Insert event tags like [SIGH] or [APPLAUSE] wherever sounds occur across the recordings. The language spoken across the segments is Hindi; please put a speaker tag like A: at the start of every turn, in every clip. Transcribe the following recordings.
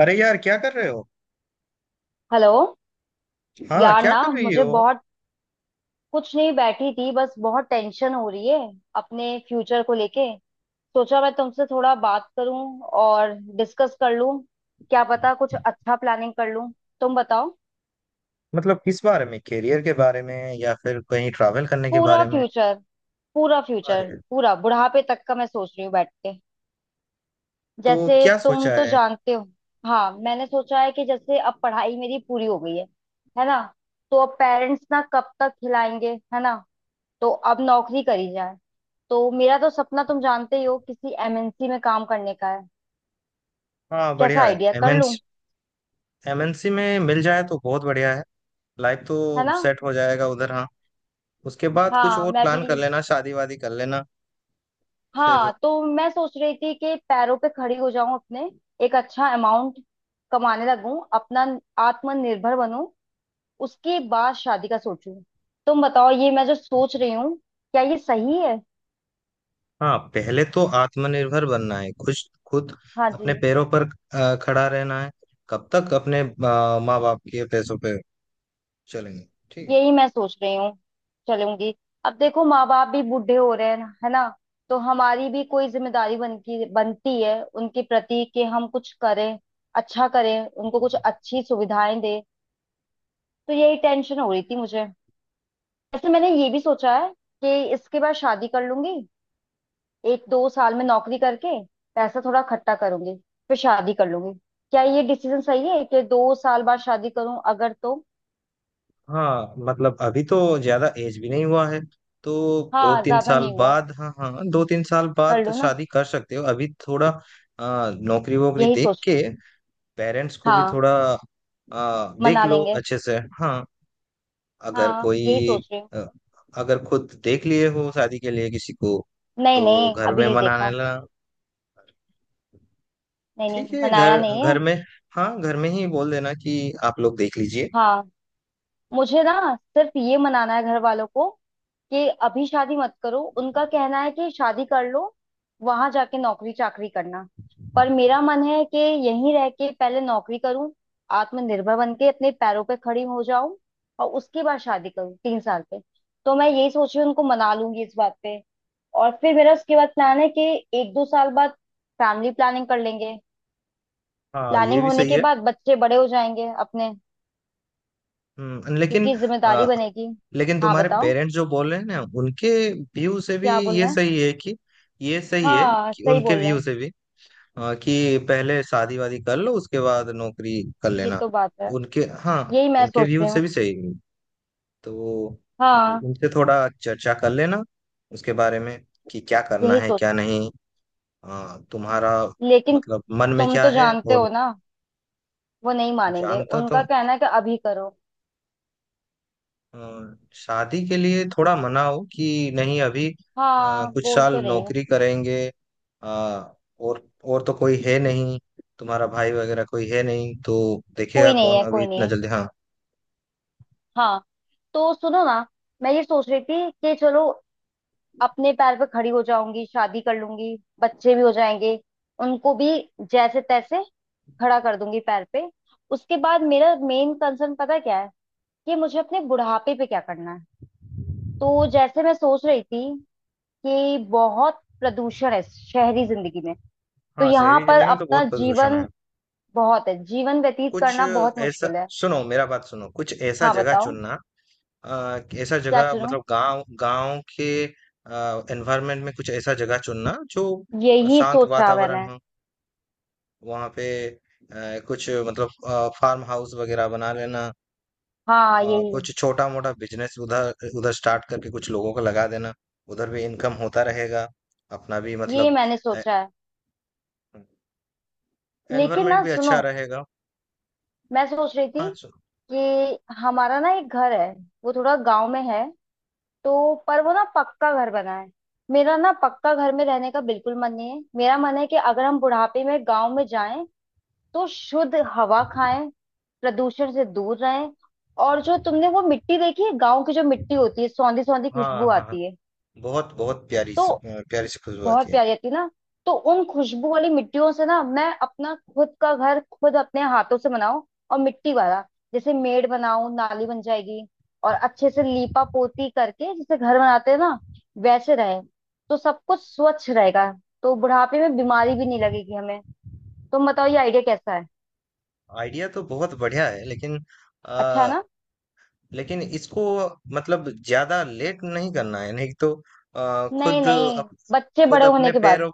A: अरे यार, क्या कर रहे हो।
B: हेलो।
A: हाँ,
B: यार
A: क्या
B: ना
A: कर रही
B: मुझे
A: हो।
B: बहुत कुछ नहीं, बैठी थी बस। बहुत टेंशन हो रही है अपने फ्यूचर को लेके। सोचा मैं तुमसे थोड़ा बात करूं और डिस्कस कर लूं, क्या पता कुछ अच्छा प्लानिंग कर लूं। तुम बताओ।
A: मतलब किस बारे में? करियर के बारे में या फिर कहीं ट्रैवल करने के
B: पूरा
A: बारे में?
B: फ्यूचर पूरा फ्यूचर
A: अरे,
B: पूरा बुढ़ापे तक का मैं सोच रही हूँ बैठ के।
A: तो
B: जैसे
A: क्या
B: तुम
A: सोचा
B: तो
A: है।
B: जानते हो। हाँ मैंने सोचा है कि जैसे अब पढ़ाई मेरी पूरी हो गई है ना। तो अब पेरेंट्स ना कब तक खिलाएंगे, है ना। तो अब नौकरी करी जाए। तो मेरा तो सपना तुम जानते ही हो, किसी एमएनसी में काम करने का है।
A: हाँ,
B: कैसा
A: बढ़िया है
B: आइडिया कर लूं।
A: एमएनसी। एमएनसी में मिल जाए तो बहुत बढ़िया है। लाइफ
B: है
A: तो
B: ना।
A: सेट हो जाएगा उधर। हाँ, उसके बाद कुछ
B: हाँ
A: और
B: मैं भी।
A: प्लान कर लेना, शादी वादी कर लेना। फिर।
B: हाँ तो मैं सोच रही थी कि पैरों पे खड़ी हो जाऊं अपने। एक अच्छा अमाउंट कमाने लगूं अपना, आत्मनिर्भर बनूं। उसके बाद शादी का सोचूं। तुम बताओ ये मैं जो सोच रही हूँ क्या ये सही है।
A: हाँ, पहले तो आत्मनिर्भर बनना है खुद खुद
B: हाँ
A: अपने
B: जी।
A: पैरों पर, खड़ा रहना है। कब तक अपने माँ बाप के पैसों पे चलेंगे। ठीक है।
B: यही मैं सोच रही हूँ। चलूंगी। अब देखो माँ बाप भी बूढ़े हो रहे हैं है ना। तो हमारी भी कोई जिम्मेदारी बनती बनती है उनके प्रति कि हम कुछ करें, अच्छा करें, उनको कुछ अच्छी सुविधाएं दें। तो यही टेंशन हो रही थी मुझे। वैसे मैंने ये भी सोचा है कि इसके बाद शादी कर लूंगी। 1-2 साल में नौकरी करके पैसा थोड़ा इकट्ठा करूंगी, फिर शादी कर लूंगी। क्या ये डिसीजन सही है कि 2 साल बाद शादी करूं, अगर तो।
A: हाँ मतलब, अभी तो ज्यादा एज भी नहीं हुआ है तो। दो
B: हाँ
A: तीन
B: ज्यादा
A: साल
B: नहीं हुआ।
A: बाद, हाँ हाँ, दो तीन साल
B: कर
A: बाद
B: लो ना।
A: शादी कर सकते हो। अभी थोड़ा नौकरी वोकरी
B: यही
A: देख
B: सोच
A: के।
B: रही
A: पेरेंट्स को
B: हूँ।
A: भी
B: हाँ
A: थोड़ा देख
B: मना
A: लो
B: लेंगे।
A: अच्छे से। हाँ, अगर
B: हाँ यही
A: कोई,
B: सोच रही हूँ।
A: अ, अगर खुद देख लिए हो शादी के लिए किसी को
B: नहीं
A: तो
B: नहीं,
A: घर
B: अभी
A: में
B: नहीं
A: मनाने
B: देखा।
A: ला।
B: नहीं
A: ठीक
B: नहीं,
A: है,
B: मनाया
A: घर,
B: नहीं
A: घर
B: है।
A: में। हाँ, घर में ही बोल देना कि आप लोग देख लीजिए।
B: हाँ। मुझे ना सिर्फ ये मनाना है घर वालों को कि अभी शादी मत करो। उनका कहना है कि शादी कर लो, वहां जाके नौकरी चाकरी करना। पर मेरा मन है कि यहीं रह के पहले नौकरी करूं, आत्मनिर्भर बन के अपने पैरों पे खड़ी हो जाऊं, और उसके बाद शादी करूं 3 साल पे। तो मैं यही सोच रही हूँ उनको मना लूंगी इस बात पे। और फिर मेरा उसके बाद प्लान है कि 1-2 साल बाद फैमिली प्लानिंग कर लेंगे।
A: हाँ, ये
B: प्लानिंग
A: भी
B: होने
A: सही
B: के
A: है।
B: बाद बच्चे बड़े हो जाएंगे अपने,
A: लेकिन,
B: क्योंकि जिम्मेदारी बनेगी।
A: लेकिन
B: हाँ
A: तुम्हारे
B: बताओ।
A: पेरेंट्स जो बोल रहे हैं ना उनके व्यू से भी
B: क्या बोल
A: ये
B: रहे हैं।
A: सही है कि, ये सही है
B: हाँ
A: कि
B: सही
A: उनके
B: बोल रहे
A: व्यू
B: हैं।
A: से भी कि पहले शादी वादी कर लो उसके बाद नौकरी कर
B: ये
A: लेना।
B: तो बात है।
A: उनके, हाँ,
B: यही मैं
A: उनके
B: सोच
A: व्यू
B: रही
A: से
B: हूँ।
A: भी सही है तो।
B: हाँ
A: उनसे थोड़ा चर्चा कर लेना उसके बारे में, कि क्या करना
B: यही
A: है
B: सोच
A: क्या
B: रही
A: नहीं। तुम्हारा
B: हूँ लेकिन
A: मतलब मन में
B: तुम
A: क्या
B: तो
A: है।
B: जानते
A: और
B: हो ना, वो नहीं मानेंगे,
A: जानता तो,
B: उनका कहना है कि अभी करो।
A: अ, शादी के लिए थोड़ा मना हो कि नहीं अभी। अ,
B: हाँ
A: कुछ
B: बोल
A: साल
B: तो रही हूँ।
A: नौकरी करेंगे। अ, और तो कोई है नहीं, तुम्हारा भाई वगैरह कोई है नहीं तो देखेगा
B: कोई नहीं
A: कौन
B: है,
A: अभी
B: कोई नहीं
A: इतना
B: है।
A: जल्दी। हाँ।
B: हाँ। तो सुनो ना, मैं ये सोच रही थी कि चलो अपने पैर पे खड़ी हो जाऊंगी, शादी कर लूंगी, बच्चे भी हो जाएंगे। उनको भी जैसे तैसे खड़ा कर दूंगी पैर पे। उसके बाद मेरा मेन कंसर्न पता है क्या है, कि मुझे अपने बुढ़ापे पे क्या करना है। तो जैसे मैं सोच रही थी कि बहुत प्रदूषण है शहरी जिंदगी में। तो
A: हाँ,
B: यहाँ
A: शहरी
B: पर
A: जिंदगी में तो
B: अपना
A: बहुत प्रदूषण है।
B: जीवन बहुत है, जीवन व्यतीत
A: कुछ
B: करना बहुत
A: ऐसा,
B: मुश्किल है।
A: सुनो मेरा बात सुनो, कुछ ऐसा
B: हाँ
A: जगह
B: बताओ।
A: चुनना। ऐसा
B: क्या
A: जगह
B: चुनूं।
A: मतलब गांव, गांव के एनवायरमेंट में, कुछ ऐसा जगह चुनना जो
B: यही
A: शांत
B: सोचा
A: वातावरण
B: मैंने।
A: हो। वहाँ पे कुछ मतलब फार्म हाउस वगैरह बना लेना।
B: हाँ यही।
A: कुछ छोटा मोटा बिजनेस उधर, उधर स्टार्ट करके कुछ लोगों को लगा देना। उधर भी इनकम होता रहेगा, अपना भी
B: ये
A: मतलब
B: मैंने सोचा है। लेकिन
A: एनवायरनमेंट
B: ना
A: भी
B: सुनो,
A: अच्छा रहेगा।
B: मैं सोच रही
A: हाँ
B: थी कि हमारा ना एक घर है, वो थोड़ा गांव में है। तो पर वो ना पक्का घर बना है। मेरा ना पक्का घर में रहने का बिल्कुल मन नहीं है। मेरा मन है कि अगर हम बुढ़ापे में गांव में जाएं तो शुद्ध हवा खाएं, प्रदूषण से दूर रहें। और जो तुमने वो मिट्टी देखी है गांव की, जो मिट्टी होती है सौंधी सौंधी खुशबू
A: हाँ हाँ हाँ,
B: आती है।
A: बहुत बहुत प्यारी
B: तो
A: प्यारी सी खुशबू
B: बहुत
A: आती है।
B: प्यारी आती है ना। तो उन खुशबू वाली मिट्टियों से ना मैं अपना खुद का घर खुद अपने हाथों से बनाऊं। और मिट्टी वाला जैसे मेड़ बनाऊं, नाली बन जाएगी। और अच्छे से लीपा पोती करके जैसे घर बनाते हैं ना वैसे रहे। तो सब कुछ स्वच्छ रहेगा। तो बुढ़ापे में बीमारी भी नहीं लगेगी हमें। तुम बताओ ये आइडिया कैसा है।
A: आइडिया तो बहुत बढ़िया है, लेकिन,
B: अच्छा है ना।
A: लेकिन इसको मतलब ज्यादा लेट नहीं करना है, नहीं तो
B: नहीं
A: खुद
B: नहीं,
A: अप,
B: बच्चे
A: खुद
B: बड़े होने
A: अपने
B: के
A: पैरों,
B: बाद।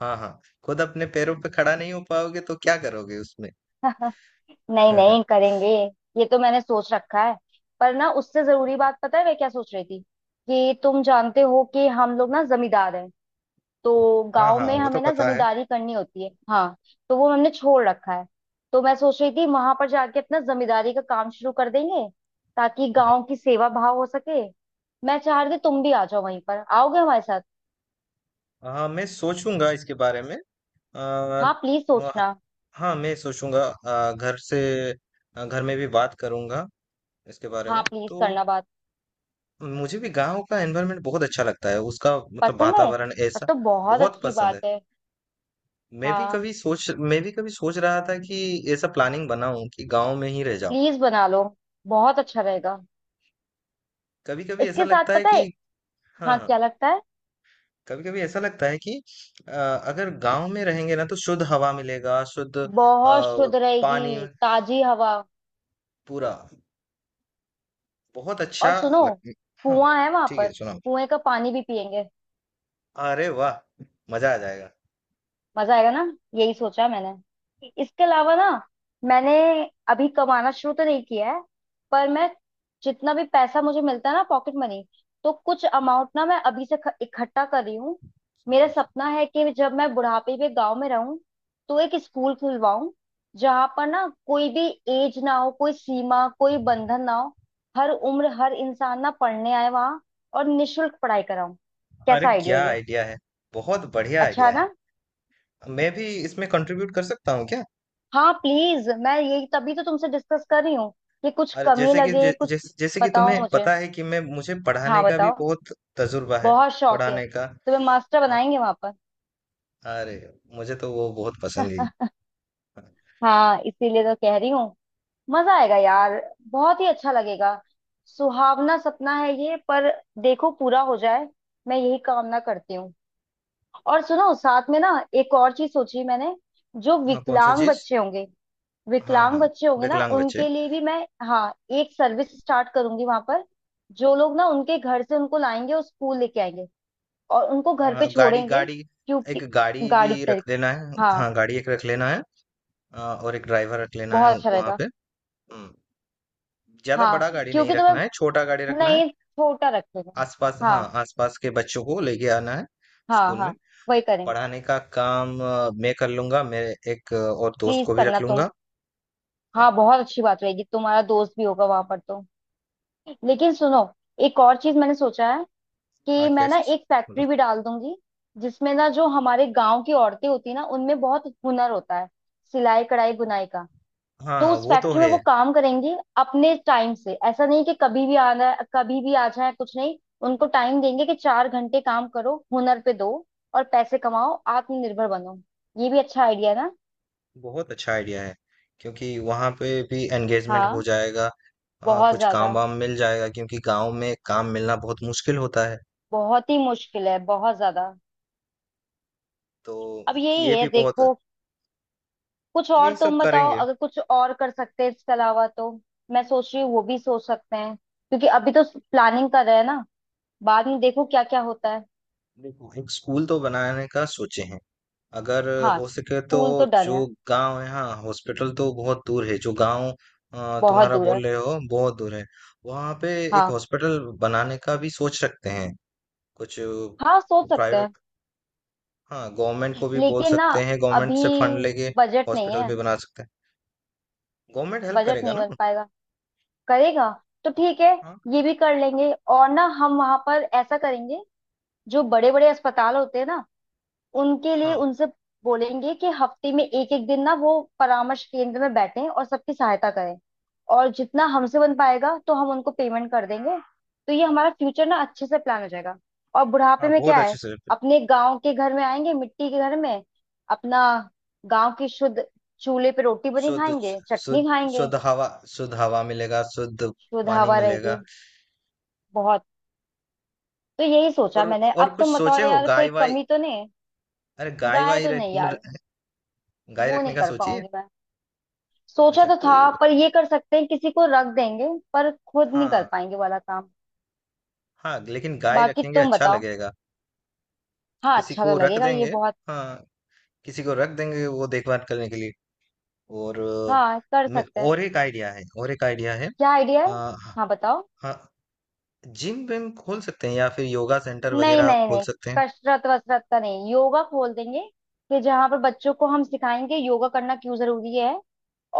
A: हाँ हाँ, खुद अपने पैरों पे खड़ा नहीं हो पाओगे तो क्या करोगे उसमें।
B: [LAUGHS] नहीं नहीं
A: [LAUGHS]
B: करेंगे। ये तो मैंने सोच रखा है। पर ना उससे जरूरी बात पता है मैं क्या सोच रही थी, कि तुम जानते हो कि हम लोग ना जमींदार हैं। तो
A: हाँ
B: गांव
A: हाँ,
B: में
A: वो तो
B: हमें ना
A: पता है।
B: जमींदारी करनी होती है, हाँ। तो वो हमने छोड़ रखा है। तो मैं सोच रही थी वहां पर जाके अपना जमींदारी का काम शुरू कर देंगे, ताकि गांव की सेवा भाव हो सके। मैं चाह रही थी तुम भी आ जाओ, वहीं पर आओगे हमारे साथ।
A: हाँ, मैं सोचूंगा इसके बारे में। आ,
B: हाँ प्लीज
A: वह-
B: सोचना।
A: हाँ, मैं सोचूंगा। घर से, घर में भी बात करूंगा इसके बारे
B: हाँ
A: में
B: प्लीज
A: तो।
B: करना बात।
A: मुझे भी गांव का एनवायरनमेंट बहुत अच्छा लगता है, उसका मतलब
B: पसंद है,
A: वातावरण
B: तब
A: ऐसा
B: तो बहुत
A: बहुत
B: अच्छी
A: पसंद है।
B: बात है। हाँ
A: मैं भी कभी सोच रहा था कि ऐसा प्लानिंग बनाऊं कि गांव में ही रह जाऊं।
B: प्लीज बना लो, बहुत अच्छा रहेगा।
A: कभी कभी ऐसा
B: इसके साथ
A: लगता है
B: पता है।
A: कि।
B: हाँ
A: हाँ।
B: क्या लगता है।
A: कभी कभी ऐसा लगता है कि अगर गांव में रहेंगे ना तो शुद्ध हवा मिलेगा, शुद्ध
B: बहुत शुद्ध
A: पानी।
B: रहेगी ताजी हवा।
A: पूरा बहुत अच्छा
B: और सुनो,
A: लग। हाँ
B: कुआं है वहां
A: ठीक
B: पर।
A: है, सुनाओ।
B: कुएं का पानी भी पियेंगे।
A: अरे वाह, मजा आ जाएगा।
B: मजा आएगा ना। यही सोचा मैंने। इसके अलावा ना, मैंने अभी कमाना शुरू तो नहीं किया है, पर मैं जितना भी पैसा मुझे मिलता है ना पॉकेट मनी, तो कुछ अमाउंट ना मैं अभी से इकट्ठा कर रही हूँ। मेरा
A: अच्छा।
B: सपना है कि जब मैं बुढ़ापे में गांव में रहूं, तो एक स्कूल खुलवाऊं, जहां पर ना कोई भी एज ना हो, कोई सीमा कोई बंधन ना हो, हर उम्र हर इंसान ना पढ़ने आए वहां, और निशुल्क पढ़ाई कराऊं।
A: अरे
B: कैसा आइडिया
A: क्या
B: ये।
A: आइडिया है, बहुत बढ़िया
B: अच्छा
A: आइडिया
B: है
A: है।
B: ना।
A: मैं भी इसमें कंट्रीब्यूट कर सकता हूँ क्या।
B: हाँ प्लीज मैं यही तभी तो तुमसे डिस्कस कर रही हूँ, कि कुछ
A: और
B: कमी
A: जैसे कि
B: लगे कुछ।
A: जैसे जैसे कि
B: बताओ
A: तुम्हें
B: मुझे।
A: पता है कि मैं मुझे
B: हाँ
A: पढ़ाने का भी
B: बताओ।
A: बहुत तजुर्बा है।
B: बहुत शौक है।
A: पढ़ाने का,
B: तुम्हें मास्टर
A: हाँ।
B: बनाएंगे वहां पर।
A: अरे, मुझे तो वो बहुत पसंद है।
B: [LAUGHS]
A: हाँ।
B: हाँ इसीलिए तो कह रही हूँ। मजा आएगा यार, बहुत ही अच्छा लगेगा। सुहावना सपना है ये, पर देखो पूरा हो जाए, मैं यही कामना करती हूँ। और सुनो साथ में ना, एक और चीज सोची मैंने। जो
A: हाँ, कौन सा
B: विकलांग
A: चीज।
B: बच्चे होंगे।
A: हाँ
B: विकलांग
A: हाँ,
B: बच्चे होंगे ना
A: विकलांग बच्चे।
B: उनके लिए भी मैं। हाँ। एक सर्विस स्टार्ट करूंगी वहां पर, जो लोग ना उनके घर से उनको लाएंगे और स्कूल लेके आएंगे और उनको
A: हाँ।
B: घर पे
A: हाँ, गाड़ी
B: छोड़ेंगे।
A: गाड़ी, एक
B: क्योंकि
A: गाड़ी
B: गाड़ी के
A: भी रख
B: तरीके।
A: देना है, हाँ,
B: हाँ,
A: गाड़ी एक रख लेना है। हाँ, और एक ड्राइवर रख लेना
B: बहुत
A: है
B: अच्छा
A: वहां
B: रहेगा।
A: पे। हम्म, ज्यादा बड़ा
B: हाँ
A: गाड़ी नहीं
B: क्योंकि
A: रखना है,
B: तुम्हें।
A: छोटा गाड़ी रखना है।
B: नहीं छोटा रखेगा।
A: आसपास, हाँ,
B: हाँ
A: आसपास के बच्चों को लेके आना है
B: हाँ
A: स्कूल में।
B: हाँ। वही करेंगे।
A: पढ़ाने का काम मैं कर लूंगा, मेरे एक और दोस्त
B: प्लीज
A: को भी रख
B: करना तुम।
A: लूंगा। हाँ।
B: हाँ बहुत अच्छी बात रहेगी, तुम्हारा दोस्त भी होगा वहां पर तो। लेकिन सुनो, एक और चीज मैंने सोचा है,
A: हाँ
B: कि मैं
A: क्या
B: ना
A: चीज,
B: एक
A: बोलो।
B: फैक्ट्री भी डाल दूंगी। जिसमें ना जो हमारे गांव की औरतें होती है ना, उनमें बहुत हुनर होता है, सिलाई कढ़ाई बुनाई का।
A: हाँ
B: तो
A: हाँ,
B: उस
A: वो तो
B: फैक्ट्री में
A: है।
B: वो काम करेंगी अपने टाइम से। ऐसा नहीं कि कभी भी आना, कभी भी आ जाए, कुछ नहीं। उनको टाइम देंगे कि 4 घंटे काम करो, हुनर पे दो, और पैसे कमाओ, आत्मनिर्भर बनो। ये भी अच्छा आइडिया ना।
A: बहुत अच्छा आइडिया है, क्योंकि वहां पे भी एंगेजमेंट हो
B: हाँ
A: जाएगा। हाँ,
B: बहुत
A: कुछ काम
B: ज्यादा।
A: वाम मिल जाएगा, क्योंकि गांव में काम मिलना बहुत मुश्किल होता है
B: बहुत ही मुश्किल है, बहुत ज्यादा।
A: तो।
B: अब यही
A: ये
B: है
A: भी बहुत।
B: देखो। कुछ और
A: यही सब
B: तुम बताओ,
A: करेंगे।
B: अगर कुछ और कर सकते हैं इसके अलावा तो। मैं सोच रही हूँ वो भी सोच सकते हैं, क्योंकि अभी तो प्लानिंग कर रहे हैं ना। बाद में देखो क्या क्या होता है।
A: देखो, एक स्कूल तो बनाने का सोचे हैं। अगर
B: हाँ
A: हो सके तो
B: स्कूल तो डन
A: जो
B: है।
A: गांव है, हाँ, हॉस्पिटल तो बहुत दूर है, जो गांव
B: बहुत
A: तुम्हारा
B: दूर है।
A: बोल रहे हो बहुत दूर है, वहां पे एक
B: हाँ
A: हॉस्पिटल बनाने का भी सोच सकते हैं। कुछ
B: हाँ सोच सकते हैं।
A: प्राइवेट, हाँ, गवर्नमेंट को भी बोल
B: लेकिन ना
A: सकते हैं, गवर्नमेंट से फंड
B: अभी
A: लेके
B: बजट नहीं
A: हॉस्पिटल
B: है।
A: भी बना सकते हैं। गवर्नमेंट हेल्प
B: बजट
A: करेगा
B: नहीं
A: ना।
B: बन पाएगा। करेगा। तो ठीक है।
A: हाँ।
B: ये भी कर लेंगे। और ना हम वहां पर ऐसा करेंगे, जो बड़े बड़े अस्पताल होते हैं ना, उनके लिए
A: हाँ,
B: उनसे बोलेंगे कि हफ्ते में एक एक दिन ना वो परामर्श केंद्र में बैठें और सबकी सहायता करें। और जितना हमसे बन पाएगा तो हम उनको पेमेंट कर देंगे। तो ये हमारा फ्यूचर ना अच्छे से प्लान हो जाएगा। और बुढ़ापे
A: हाँ,
B: में
A: बहुत
B: क्या
A: अच्छे
B: है,
A: से।
B: अपने गांव के घर में आएंगे, मिट्टी के घर में अपना। गांव की शुद्ध चूल्हे पे रोटी बनी
A: शुद्ध,
B: खाएंगे, चटनी
A: शुद्ध,
B: खाएंगे।
A: शुद्ध हवा, शुद्ध हवा मिलेगा, शुद्ध
B: शुद्ध
A: पानी
B: हवा रहेगी।
A: मिलेगा।
B: बहुत। तो यही सोचा
A: और
B: मैंने।
A: और
B: अब
A: कुछ
B: तुम
A: सोचे
B: बताओ
A: हो?
B: यार कोई
A: गाय वाय?
B: कमी तो नहीं।
A: अरे, गाय
B: गाय
A: वाय
B: तो नहीं यार,
A: गाय
B: वो
A: रखने
B: नहीं
A: का
B: कर
A: सोचिए।
B: पाऊंगी मैं। सोचा
A: अच्छा
B: तो था,
A: कोई।
B: पर ये कर सकते हैं, किसी को रख देंगे, पर खुद नहीं कर
A: हाँ,
B: पाएंगे वाला काम।
A: हाँ, लेकिन गाय
B: बाकी
A: रखेंगे
B: तुम
A: अच्छा
B: बताओ।
A: लगेगा।
B: हाँ
A: किसी
B: अच्छा तो
A: को रख
B: लगेगा ये
A: देंगे,
B: बहुत।
A: हाँ, किसी को रख देंगे वो देखभाल करने के लिए। और
B: हाँ कर सकते हैं।
A: और एक आइडिया है, और एक आइडिया है।
B: क्या आइडिया है।
A: हाँ।
B: हाँ बताओ।
A: हाँ, जिम विम खोल सकते हैं, या फिर योगा सेंटर
B: नहीं
A: वगैरह
B: नहीं
A: खोल
B: नहीं,
A: सकते हैं।
B: कसरत वसरत का नहीं, योगा खोल देंगे। कि जहाँ पर बच्चों को हम सिखाएंगे योगा करना क्यों जरूरी है।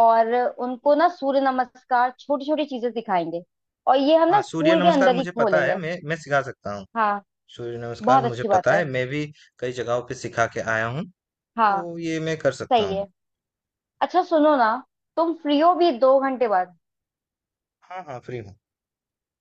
B: और उनको ना सूर्य नमस्कार, छोटी छोटी चीजें सिखाएंगे। और ये हम ना
A: हाँ सूर्य
B: स्कूल के
A: नमस्कार
B: अंदर ही
A: मुझे पता है,
B: खोलेंगे।
A: मैं सिखा सकता हूँ।
B: हाँ
A: सूर्य नमस्कार
B: बहुत
A: मुझे
B: अच्छी बात
A: पता
B: है।
A: है, मैं भी कई जगहों पे सिखा के आया हूँ,
B: हाँ
A: तो ये मैं कर सकता
B: सही
A: हूँ।
B: है। अच्छा सुनो ना, तुम फ्री हो भी 2 घंटे बाद।
A: हाँ हाँ, फ्री हूँ।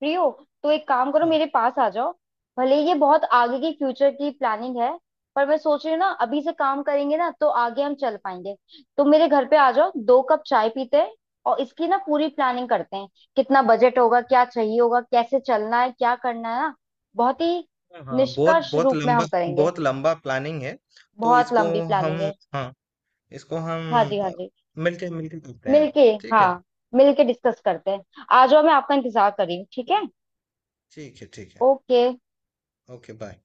B: फ्री हो। तो एक काम करो,
A: हाँ।
B: मेरे पास आ जाओ। भले ही ये बहुत आगे की फ्यूचर की प्लानिंग है, पर मैं सोच रही हूँ ना अभी से काम करेंगे ना तो आगे हम चल पाएंगे। तो मेरे घर पे आ जाओ, 2 कप चाय पीते हैं और इसकी ना पूरी प्लानिंग करते हैं। कितना बजट होगा, क्या चाहिए होगा, कैसे चलना है, क्या करना है ना। बहुत ही
A: हाँ हाँ, बहुत
B: निष्कर्ष
A: बहुत
B: रूप में
A: लंबा,
B: हम करेंगे।
A: बहुत लंबा प्लानिंग है। तो
B: बहुत
A: इसको
B: लंबी
A: हम,
B: प्लानिंग है।
A: हाँ, इसको
B: हाँ जी,
A: हम
B: हाँ
A: अ,
B: जी।
A: मिलके मिलके करते हैं।
B: मिलके।
A: ठीक है।
B: हाँ मिलके डिस्कस करते हैं। आ जाओ, मैं आपका इंतजार कर रही हूँ, ठीक है।
A: ठीक है, ठीक है।
B: ओके।
A: Okay bye.